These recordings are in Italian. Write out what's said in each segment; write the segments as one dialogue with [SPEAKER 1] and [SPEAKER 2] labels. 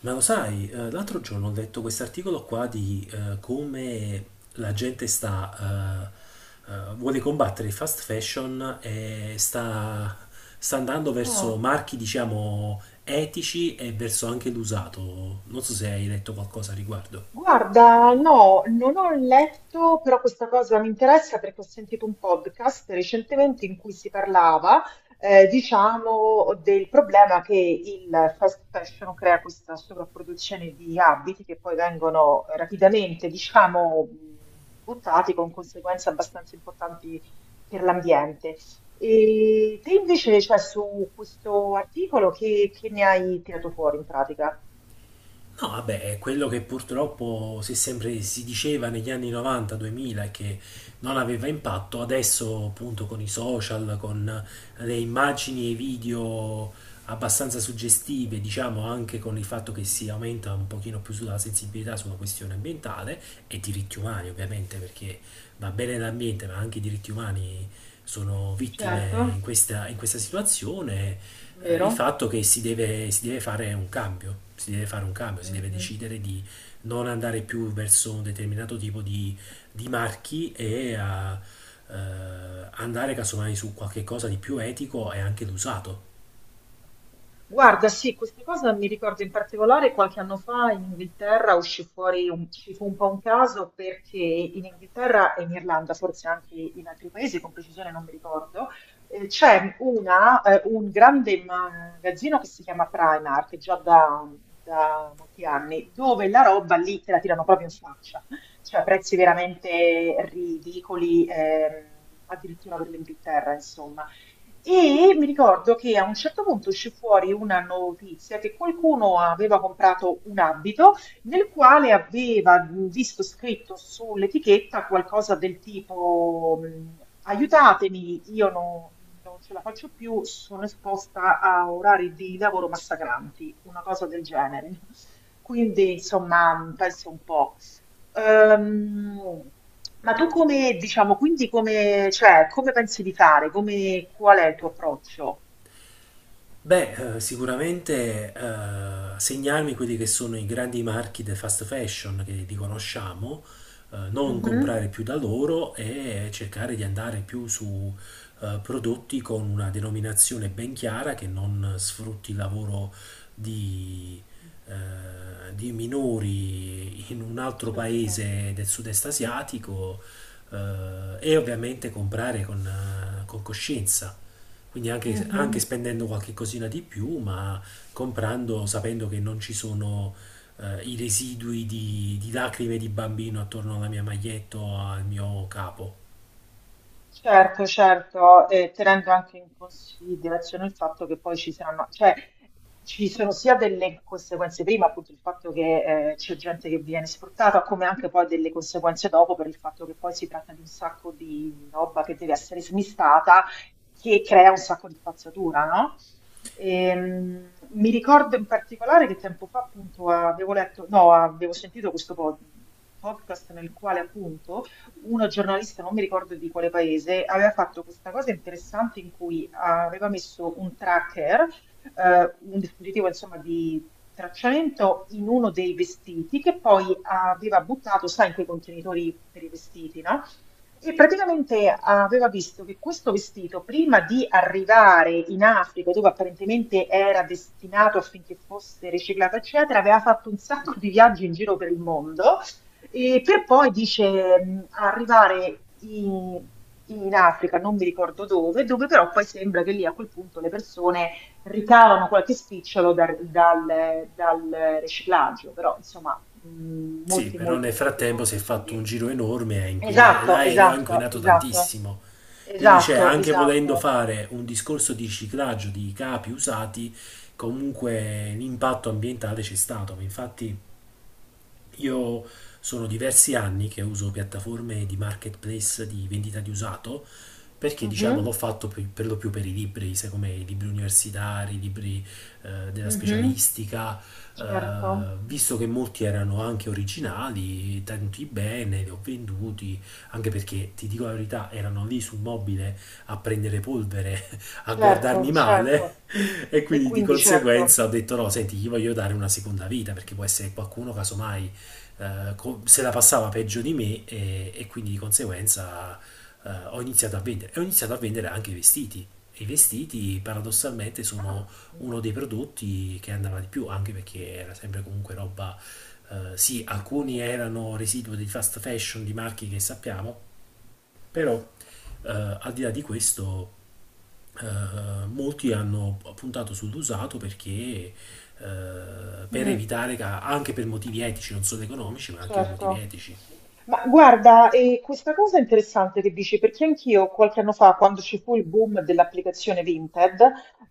[SPEAKER 1] Ma lo sai, l'altro giorno ho letto quest'articolo qua di come la gente sta, vuole combattere il fast fashion e sta andando verso
[SPEAKER 2] Ah,
[SPEAKER 1] marchi, diciamo, etici e verso anche l'usato. Non so se hai letto qualcosa a riguardo.
[SPEAKER 2] guarda, no, non ho letto, però questa cosa mi interessa perché ho sentito un podcast recentemente in cui si parlava, diciamo, del problema che il fast fashion crea questa sovrapproduzione di abiti che poi vengono rapidamente, diciamo, buttati con conseguenze abbastanza importanti per l'ambiente. E te invece, cioè, su questo articolo, che ne hai tirato fuori in pratica?
[SPEAKER 1] No, vabbè, è quello che purtroppo si diceva negli anni 90-2000 che non aveva impatto. Adesso appunto con i social, con le immagini e i video abbastanza suggestive, diciamo anche con il fatto che si aumenta un pochino più sulla sensibilità sulla questione ambientale e diritti umani ovviamente, perché va bene l'ambiente, ma anche i diritti umani sono vittime in
[SPEAKER 2] Certo,
[SPEAKER 1] questa situazione. Il
[SPEAKER 2] vero?
[SPEAKER 1] fatto che si deve fare un cambio, si deve
[SPEAKER 2] Mh-mh.
[SPEAKER 1] decidere di non andare più verso un determinato tipo di marchi e eh, andare casomai su qualche cosa di più etico e anche d'usato.
[SPEAKER 2] Guarda, sì, questa cosa mi ricordo in particolare qualche anno fa in Inghilterra uscì fuori un ci fu un po' un caso perché in Inghilterra e in Irlanda, forse anche in altri paesi, con precisione non mi ricordo, c'è una un grande magazzino che si chiama Primark già da molti anni, dove la roba lì te la tirano proprio in faccia, cioè prezzi veramente ridicoli, addirittura per l'Inghilterra, insomma. E mi ricordo che a un certo punto uscì fuori una notizia che qualcuno aveva comprato un abito nel quale aveva visto scritto sull'etichetta qualcosa del tipo aiutatemi, io non ce la faccio più, sono esposta a orari di lavoro massacranti, una cosa del genere. Quindi, insomma, penso un po'. Ehm, ma tu come, diciamo, cioè, come pensi di fare? Come, qual è il tuo approccio?
[SPEAKER 1] Beh, sicuramente segnarmi quelli che sono i grandi marchi del fast fashion, che li conosciamo, non
[SPEAKER 2] Mhm.
[SPEAKER 1] comprare più da loro e cercare di andare più su prodotti con una denominazione ben chiara, che non sfrutti il lavoro di, di minori in un altro
[SPEAKER 2] Certo.
[SPEAKER 1] paese del sud-est asiatico, e ovviamente comprare con coscienza. Quindi anche
[SPEAKER 2] Mhm.
[SPEAKER 1] spendendo qualche cosina di più, ma comprando sapendo che non ci sono i residui di lacrime di bambino attorno alla mia maglietta o al mio capo.
[SPEAKER 2] Certo, certo, e tenendo anche in considerazione il fatto che poi ci saranno, cioè ci sono sia delle conseguenze prima, appunto il fatto che c'è gente che viene sfruttata, come anche poi delle conseguenze dopo per il fatto che poi si tratta di un sacco di roba che deve essere smistata, che crea un sacco di spazzatura, no? Mi ricordo in particolare che tempo fa appunto avevo letto, no, avevo sentito questo podcast nel quale appunto uno giornalista, non mi ricordo di quale paese, aveva fatto questa cosa interessante in cui aveva messo un tracker, un dispositivo insomma di tracciamento in uno dei vestiti che poi aveva buttato, sai, in quei contenitori per i vestiti, no? E praticamente aveva visto che questo vestito, prima di arrivare in Africa, dove apparentemente era destinato affinché fosse riciclato, eccetera, aveva fatto un sacco di viaggi in giro per il mondo e per poi dice arrivare in Africa, non mi ricordo dove, dove però poi sembra che lì a quel punto le persone ricavano qualche spicciolo dal riciclaggio, però insomma
[SPEAKER 1] Sì,
[SPEAKER 2] molti,
[SPEAKER 1] però nel
[SPEAKER 2] molti, molti
[SPEAKER 1] frattempo si è
[SPEAKER 2] pochi
[SPEAKER 1] fatto un
[SPEAKER 2] soldi.
[SPEAKER 1] giro enorme e
[SPEAKER 2] Esatto,
[SPEAKER 1] l'aereo ha
[SPEAKER 2] esatto,
[SPEAKER 1] inquinato
[SPEAKER 2] esatto,
[SPEAKER 1] tantissimo. Quindi c'è,
[SPEAKER 2] esatto,
[SPEAKER 1] anche volendo
[SPEAKER 2] esatto.
[SPEAKER 1] fare un discorso di riciclaggio di capi usati, comunque l'impatto ambientale c'è stato. Infatti io sono diversi anni che uso piattaforme di marketplace di vendita di usato, perché diciamo
[SPEAKER 2] Mhm,
[SPEAKER 1] l'ho fatto per lo più per i libri, sai, come i libri universitari, i libri della
[SPEAKER 2] mhm.
[SPEAKER 1] specialistica,
[SPEAKER 2] Certo,
[SPEAKER 1] visto che molti erano anche originali, tenuti bene, li ho venduti, anche perché ti dico la verità, erano lì sul mobile a prendere polvere, a
[SPEAKER 2] certo,
[SPEAKER 1] guardarmi
[SPEAKER 2] certo.
[SPEAKER 1] male e
[SPEAKER 2] E
[SPEAKER 1] quindi di
[SPEAKER 2] quindi certo.
[SPEAKER 1] conseguenza ho detto: no, senti, gli voglio dare una seconda vita, perché può essere qualcuno casomai se la passava peggio di me e quindi di conseguenza ho iniziato a vendere. E ho iniziato a vendere anche i vestiti. E i vestiti paradossalmente sono
[SPEAKER 2] Ah, mm,
[SPEAKER 1] uno dei prodotti che andava
[SPEAKER 2] mm,
[SPEAKER 1] di più, anche
[SPEAKER 2] mm,
[SPEAKER 1] perché era sempre comunque roba... sì, alcuni
[SPEAKER 2] mm.
[SPEAKER 1] erano residuo di fast fashion di marchi che sappiamo, però al di là di questo molti hanno puntato sull'usato, perché per
[SPEAKER 2] Mm,
[SPEAKER 1] evitare, anche per motivi etici, non solo economici, ma anche per motivi
[SPEAKER 2] certo.
[SPEAKER 1] etici.
[SPEAKER 2] Ma guarda, e questa cosa è interessante che dici, perché anch'io qualche anno fa, quando ci fu il boom dell'applicazione Vinted,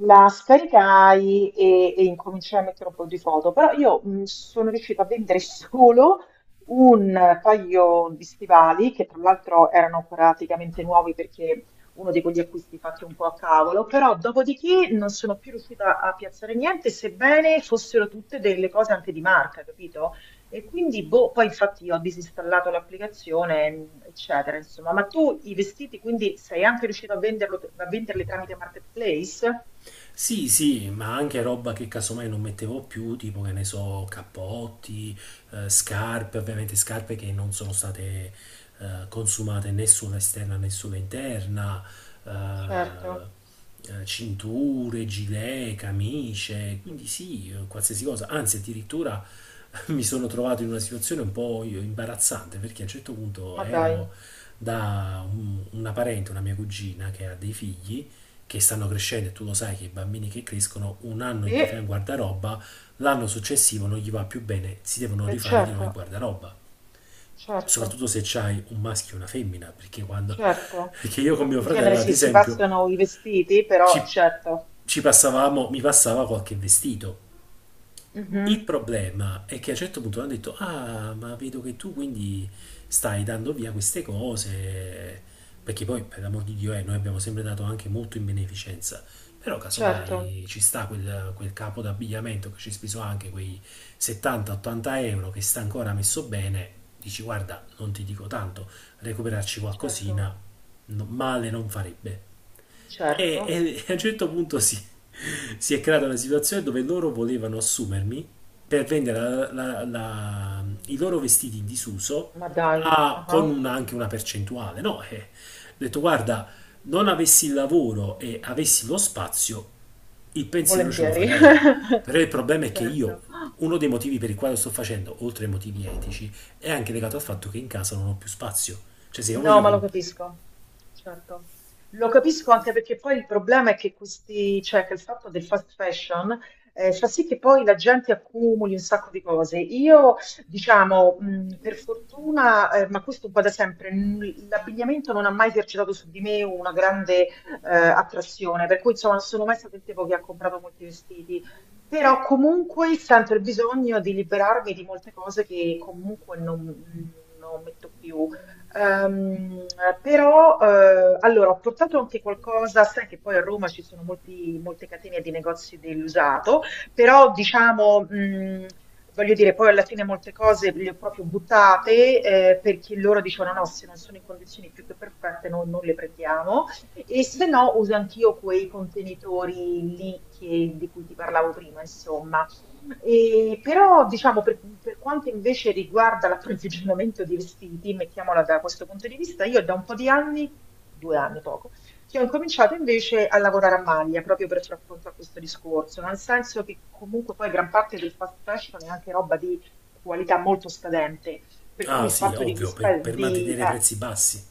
[SPEAKER 2] la scaricai e incominciai a mettere un po' di foto, però io sono riuscita a vendere solo un paio di stivali, che tra l'altro erano praticamente nuovi perché uno di quegli acquisti fatti un po' a cavolo, però dopodiché non sono più riuscita a piazzare niente, sebbene fossero tutte delle cose anche di marca, capito? E quindi, boh, poi infatti io ho disinstallato l'applicazione, eccetera, insomma. Ma tu i vestiti, quindi sei anche riuscito a venderlo, a venderli tramite Marketplace?
[SPEAKER 1] Sì, sì, ma anche roba che casomai non mettevo più, tipo che ne so, cappotti, scarpe, ovviamente scarpe che non sono state consumate né sulla esterna né sulla interna,
[SPEAKER 2] Certo,
[SPEAKER 1] eh, cinture, gilet, camicie, quindi sì, qualsiasi cosa. Anzi, addirittura mi sono trovato in una situazione un po' imbarazzante, perché a un certo punto
[SPEAKER 2] ma dai.
[SPEAKER 1] ero da una parente, una mia cugina che ha dei figli che stanno crescendo, e tu lo sai che i bambini che crescono un anno gli fai un
[SPEAKER 2] E,
[SPEAKER 1] guardaroba, l'anno successivo non gli va più bene, si devono
[SPEAKER 2] e
[SPEAKER 1] rifare di
[SPEAKER 2] certo,
[SPEAKER 1] nuovo il guardaroba.
[SPEAKER 2] certo,
[SPEAKER 1] Soprattutto se c'hai un maschio e una femmina, perché quando
[SPEAKER 2] certo.
[SPEAKER 1] perché io con mio
[SPEAKER 2] In genere
[SPEAKER 1] fratello, ad
[SPEAKER 2] sì, si
[SPEAKER 1] esempio,
[SPEAKER 2] passano i vestiti, però
[SPEAKER 1] ci,
[SPEAKER 2] certo.
[SPEAKER 1] ci passavamo, mi passava qualche vestito. Il
[SPEAKER 2] Mhm.
[SPEAKER 1] problema è che a un certo punto hanno detto: ah, ma vedo che tu quindi stai dando via queste cose. Perché poi, per l'amor di Dio, noi abbiamo sempre dato anche molto in beneficenza. Però,
[SPEAKER 2] Certo,
[SPEAKER 1] casomai ci sta quel capo d'abbigliamento che ci ha speso anche quei 70-80 euro, che sta ancora messo bene. Dici: guarda, non ti dico tanto, recuperarci
[SPEAKER 2] certo,
[SPEAKER 1] qualcosina male non farebbe. E,
[SPEAKER 2] certo,
[SPEAKER 1] e a un certo punto si è creata una situazione dove loro volevano assumermi per vendere i loro vestiti in disuso,
[SPEAKER 2] ma dai. Ah.
[SPEAKER 1] con anche una percentuale. No, eh. Ho detto: guarda, non avessi il lavoro e avessi lo spazio, il pensiero ce lo
[SPEAKER 2] Volentieri.
[SPEAKER 1] farei. Però il problema è che io,
[SPEAKER 2] Certo.
[SPEAKER 1] uno dei motivi per il quale lo sto facendo, oltre ai motivi etici, è anche legato al fatto che in casa non ho più spazio. Cioè, se io
[SPEAKER 2] No,
[SPEAKER 1] voglio...
[SPEAKER 2] ma lo capisco, certo. Lo capisco anche perché poi il problema è che questi, cioè che il fatto del fast fashion fa sì che poi la gente accumuli un sacco di cose. Io, diciamo, per fortuna, ma questo un po' da sempre, l'abbigliamento non ha mai esercitato su di me una grande attrazione, per cui insomma non sono mai stato il tipo che ha comprato molti vestiti. Però comunque sento il bisogno di liberarmi di molte cose che comunque non, non metto più. Ehm, però, allora, ho portato anche qualcosa, sai che poi a Roma ci sono molte catene di negozi dell'usato, però diciamo, voglio dire, poi alla fine molte cose le ho proprio buttate, perché loro dicevano no, se non sono in condizioni più che perfette noi non le prendiamo, e se no uso anch'io quei contenitori lì di cui ti parlavo prima, insomma. E però, diciamo, per quanto invece riguarda l'approvvigionamento di vestiti, mettiamola da questo punto di vista, io da un po' di anni, due anni poco, che ho incominciato invece a lavorare a maglia proprio per far fronte a questo discorso, nel senso che comunque poi gran parte del fast fashion è anche roba di qualità molto scadente, per cui
[SPEAKER 1] ah
[SPEAKER 2] il
[SPEAKER 1] sì,
[SPEAKER 2] fatto di,
[SPEAKER 1] ovvio, per mantenere i prezzi bassi.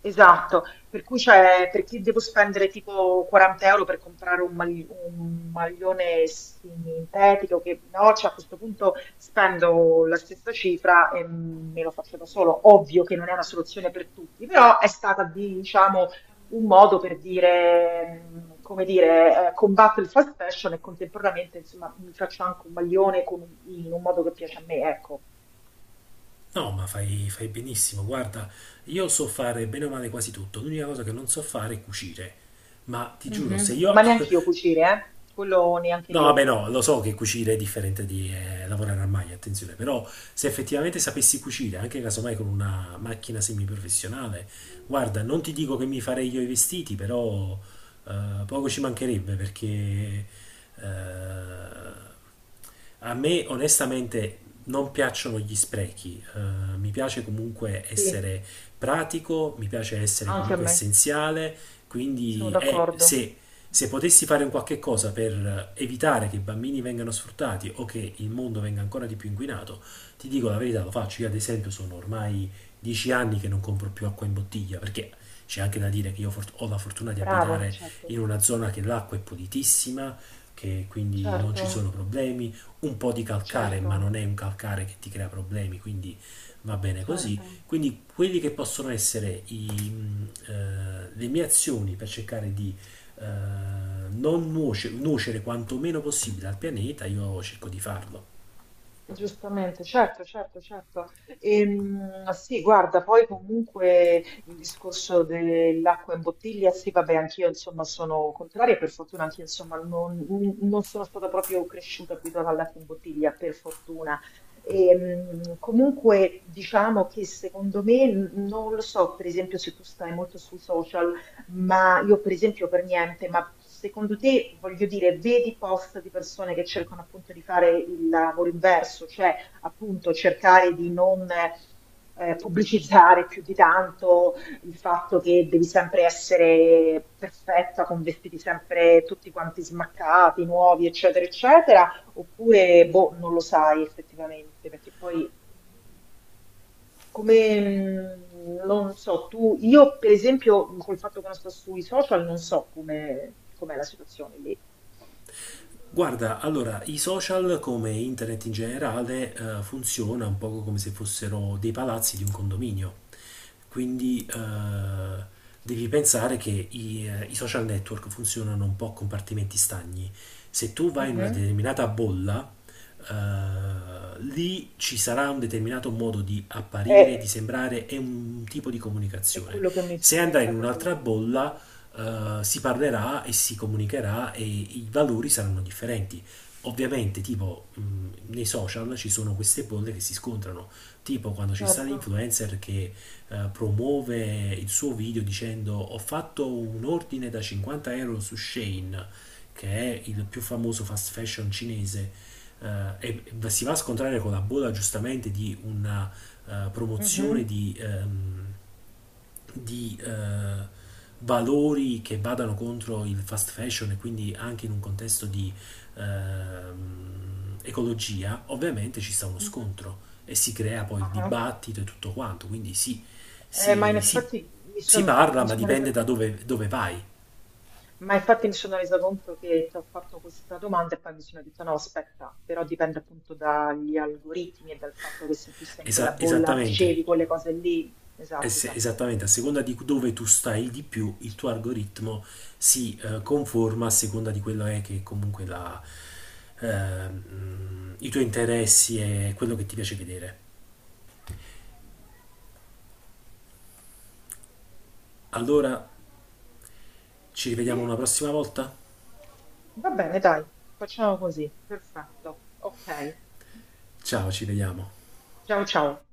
[SPEAKER 2] esatto, per cui c'è, perché devo spendere tipo 40 euro per comprare un maglione sintetico, che no, cioè a questo punto spendo la stessa cifra e me lo faccio da solo. Ovvio che non è una soluzione per tutti, però è stata, diciamo, un modo per dire, come dire, combatto il fast fashion e contemporaneamente, insomma, mi faccio anche un maglione con in un modo che piace a me, ecco.
[SPEAKER 1] No, ma fai, fai benissimo. Guarda, io so fare bene o male quasi tutto. L'unica cosa che non so fare è cucire. Ma ti giuro, se
[SPEAKER 2] Mhm.
[SPEAKER 1] io
[SPEAKER 2] Ma neanche io cucire, eh? Quello neanche
[SPEAKER 1] no,
[SPEAKER 2] io.
[SPEAKER 1] vabbè, no, lo so che cucire è differente di lavorare al maglia, attenzione, però se effettivamente sapessi cucire, anche casomai con una macchina semiprofessionale, guarda, non ti dico che mi farei io i vestiti, però poco ci mancherebbe, perché eh, a me onestamente non piacciono gli sprechi, mi piace comunque
[SPEAKER 2] Sì.
[SPEAKER 1] essere pratico, mi piace essere
[SPEAKER 2] Anche a
[SPEAKER 1] comunque
[SPEAKER 2] me,
[SPEAKER 1] essenziale,
[SPEAKER 2] sono
[SPEAKER 1] quindi
[SPEAKER 2] d'accordo.
[SPEAKER 1] se potessi fare un qualche cosa per evitare che i bambini vengano sfruttati o che il mondo venga ancora di più inquinato, ti dico la verità, lo faccio. Io ad esempio sono ormai 10 anni che non compro più acqua in bottiglia, perché c'è anche da dire che io ho la fortuna di
[SPEAKER 2] Bravo,
[SPEAKER 1] abitare
[SPEAKER 2] certo,
[SPEAKER 1] in una zona che l'acqua è pulitissima, che quindi non
[SPEAKER 2] certo,
[SPEAKER 1] ci sono problemi, un po' di calcare, ma
[SPEAKER 2] certo,
[SPEAKER 1] non è un calcare che ti crea problemi, quindi va bene così.
[SPEAKER 2] certo.
[SPEAKER 1] Quindi quelli che possono essere le mie azioni per cercare di non nuocere quanto meno possibile al pianeta, io cerco di farlo.
[SPEAKER 2] Giustamente, certo, certo, certo. Sì, guarda, poi comunque il discorso dell'acqua in bottiglia, sì, vabbè, anch'io insomma sono contraria, per fortuna anch'io insomma non, non sono stata proprio cresciuta abituata all'acqua in bottiglia, per fortuna. Comunque diciamo che secondo me, non lo so, per esempio se tu stai molto sui social, ma io per esempio per niente, ma secondo te, voglio dire, vedi post di persone che cercano appunto di fare il lavoro inverso, cioè appunto cercare di non pubblicizzare più di tanto il fatto che devi sempre essere perfetta, con vestiti sempre tutti quanti smaccati, nuovi, eccetera, eccetera, oppure boh, non lo sai effettivamente, perché poi come, non so, tu, io per esempio, col fatto che non sto sui social, non so come, com'è la situazione lì.
[SPEAKER 1] Guarda, allora, i social come internet in generale funziona un poco come se fossero dei palazzi di un condominio. Quindi devi pensare che i social network funzionano un po' a compartimenti stagni. Se tu vai in una
[SPEAKER 2] Mhm.
[SPEAKER 1] determinata bolla, lì ci sarà un determinato modo di apparire, di
[SPEAKER 2] È,
[SPEAKER 1] sembrare e un tipo di
[SPEAKER 2] è
[SPEAKER 1] comunicazione.
[SPEAKER 2] quello che mi,
[SPEAKER 1] Se andrai in
[SPEAKER 2] infatti è quello
[SPEAKER 1] un'altra
[SPEAKER 2] che mi
[SPEAKER 1] bolla,
[SPEAKER 2] pensavo.
[SPEAKER 1] si parlerà e si comunicherà e i valori saranno differenti. Ovviamente, tipo, nei social ci sono queste bolle che si scontrano, tipo quando ci sta
[SPEAKER 2] Certo.
[SPEAKER 1] l'influencer che promuove il suo video dicendo: ho fatto un ordine da 50 euro su Shane, che è il più famoso fast fashion cinese, e si va a scontrare con la bolla, giustamente, di una promozione
[SPEAKER 2] Mhm.
[SPEAKER 1] di valori che vadano contro il fast fashion e quindi anche in un contesto di ecologia, ovviamente ci sta uno
[SPEAKER 2] Mhm.
[SPEAKER 1] scontro e si crea poi il
[SPEAKER 2] Ah,
[SPEAKER 1] dibattito e tutto quanto. Quindi sì,
[SPEAKER 2] ma in
[SPEAKER 1] si, si-
[SPEAKER 2] effetti
[SPEAKER 1] si parla,
[SPEAKER 2] mi
[SPEAKER 1] ma
[SPEAKER 2] sono
[SPEAKER 1] dipende
[SPEAKER 2] resa,
[SPEAKER 1] dove vai.
[SPEAKER 2] ma infatti mi sono resa conto che ti ho fatto questa domanda e poi mi sono detto no, aspetta, però dipende appunto dagli algoritmi e dal fatto che se tu sei in quella bolla
[SPEAKER 1] Esattamente.
[SPEAKER 2] ricevi quelle cose lì. Esatto, esatto.
[SPEAKER 1] Esattamente, a seconda di dove tu stai di più, il tuo algoritmo si conforma a seconda di quello è che comunque i tuoi interessi e quello che ti piace vedere. Allora, ci rivediamo una
[SPEAKER 2] Sì,
[SPEAKER 1] prossima volta?
[SPEAKER 2] va bene, dai, facciamo così. Perfetto. Ok.
[SPEAKER 1] Ciao, ci vediamo.
[SPEAKER 2] Ciao ciao.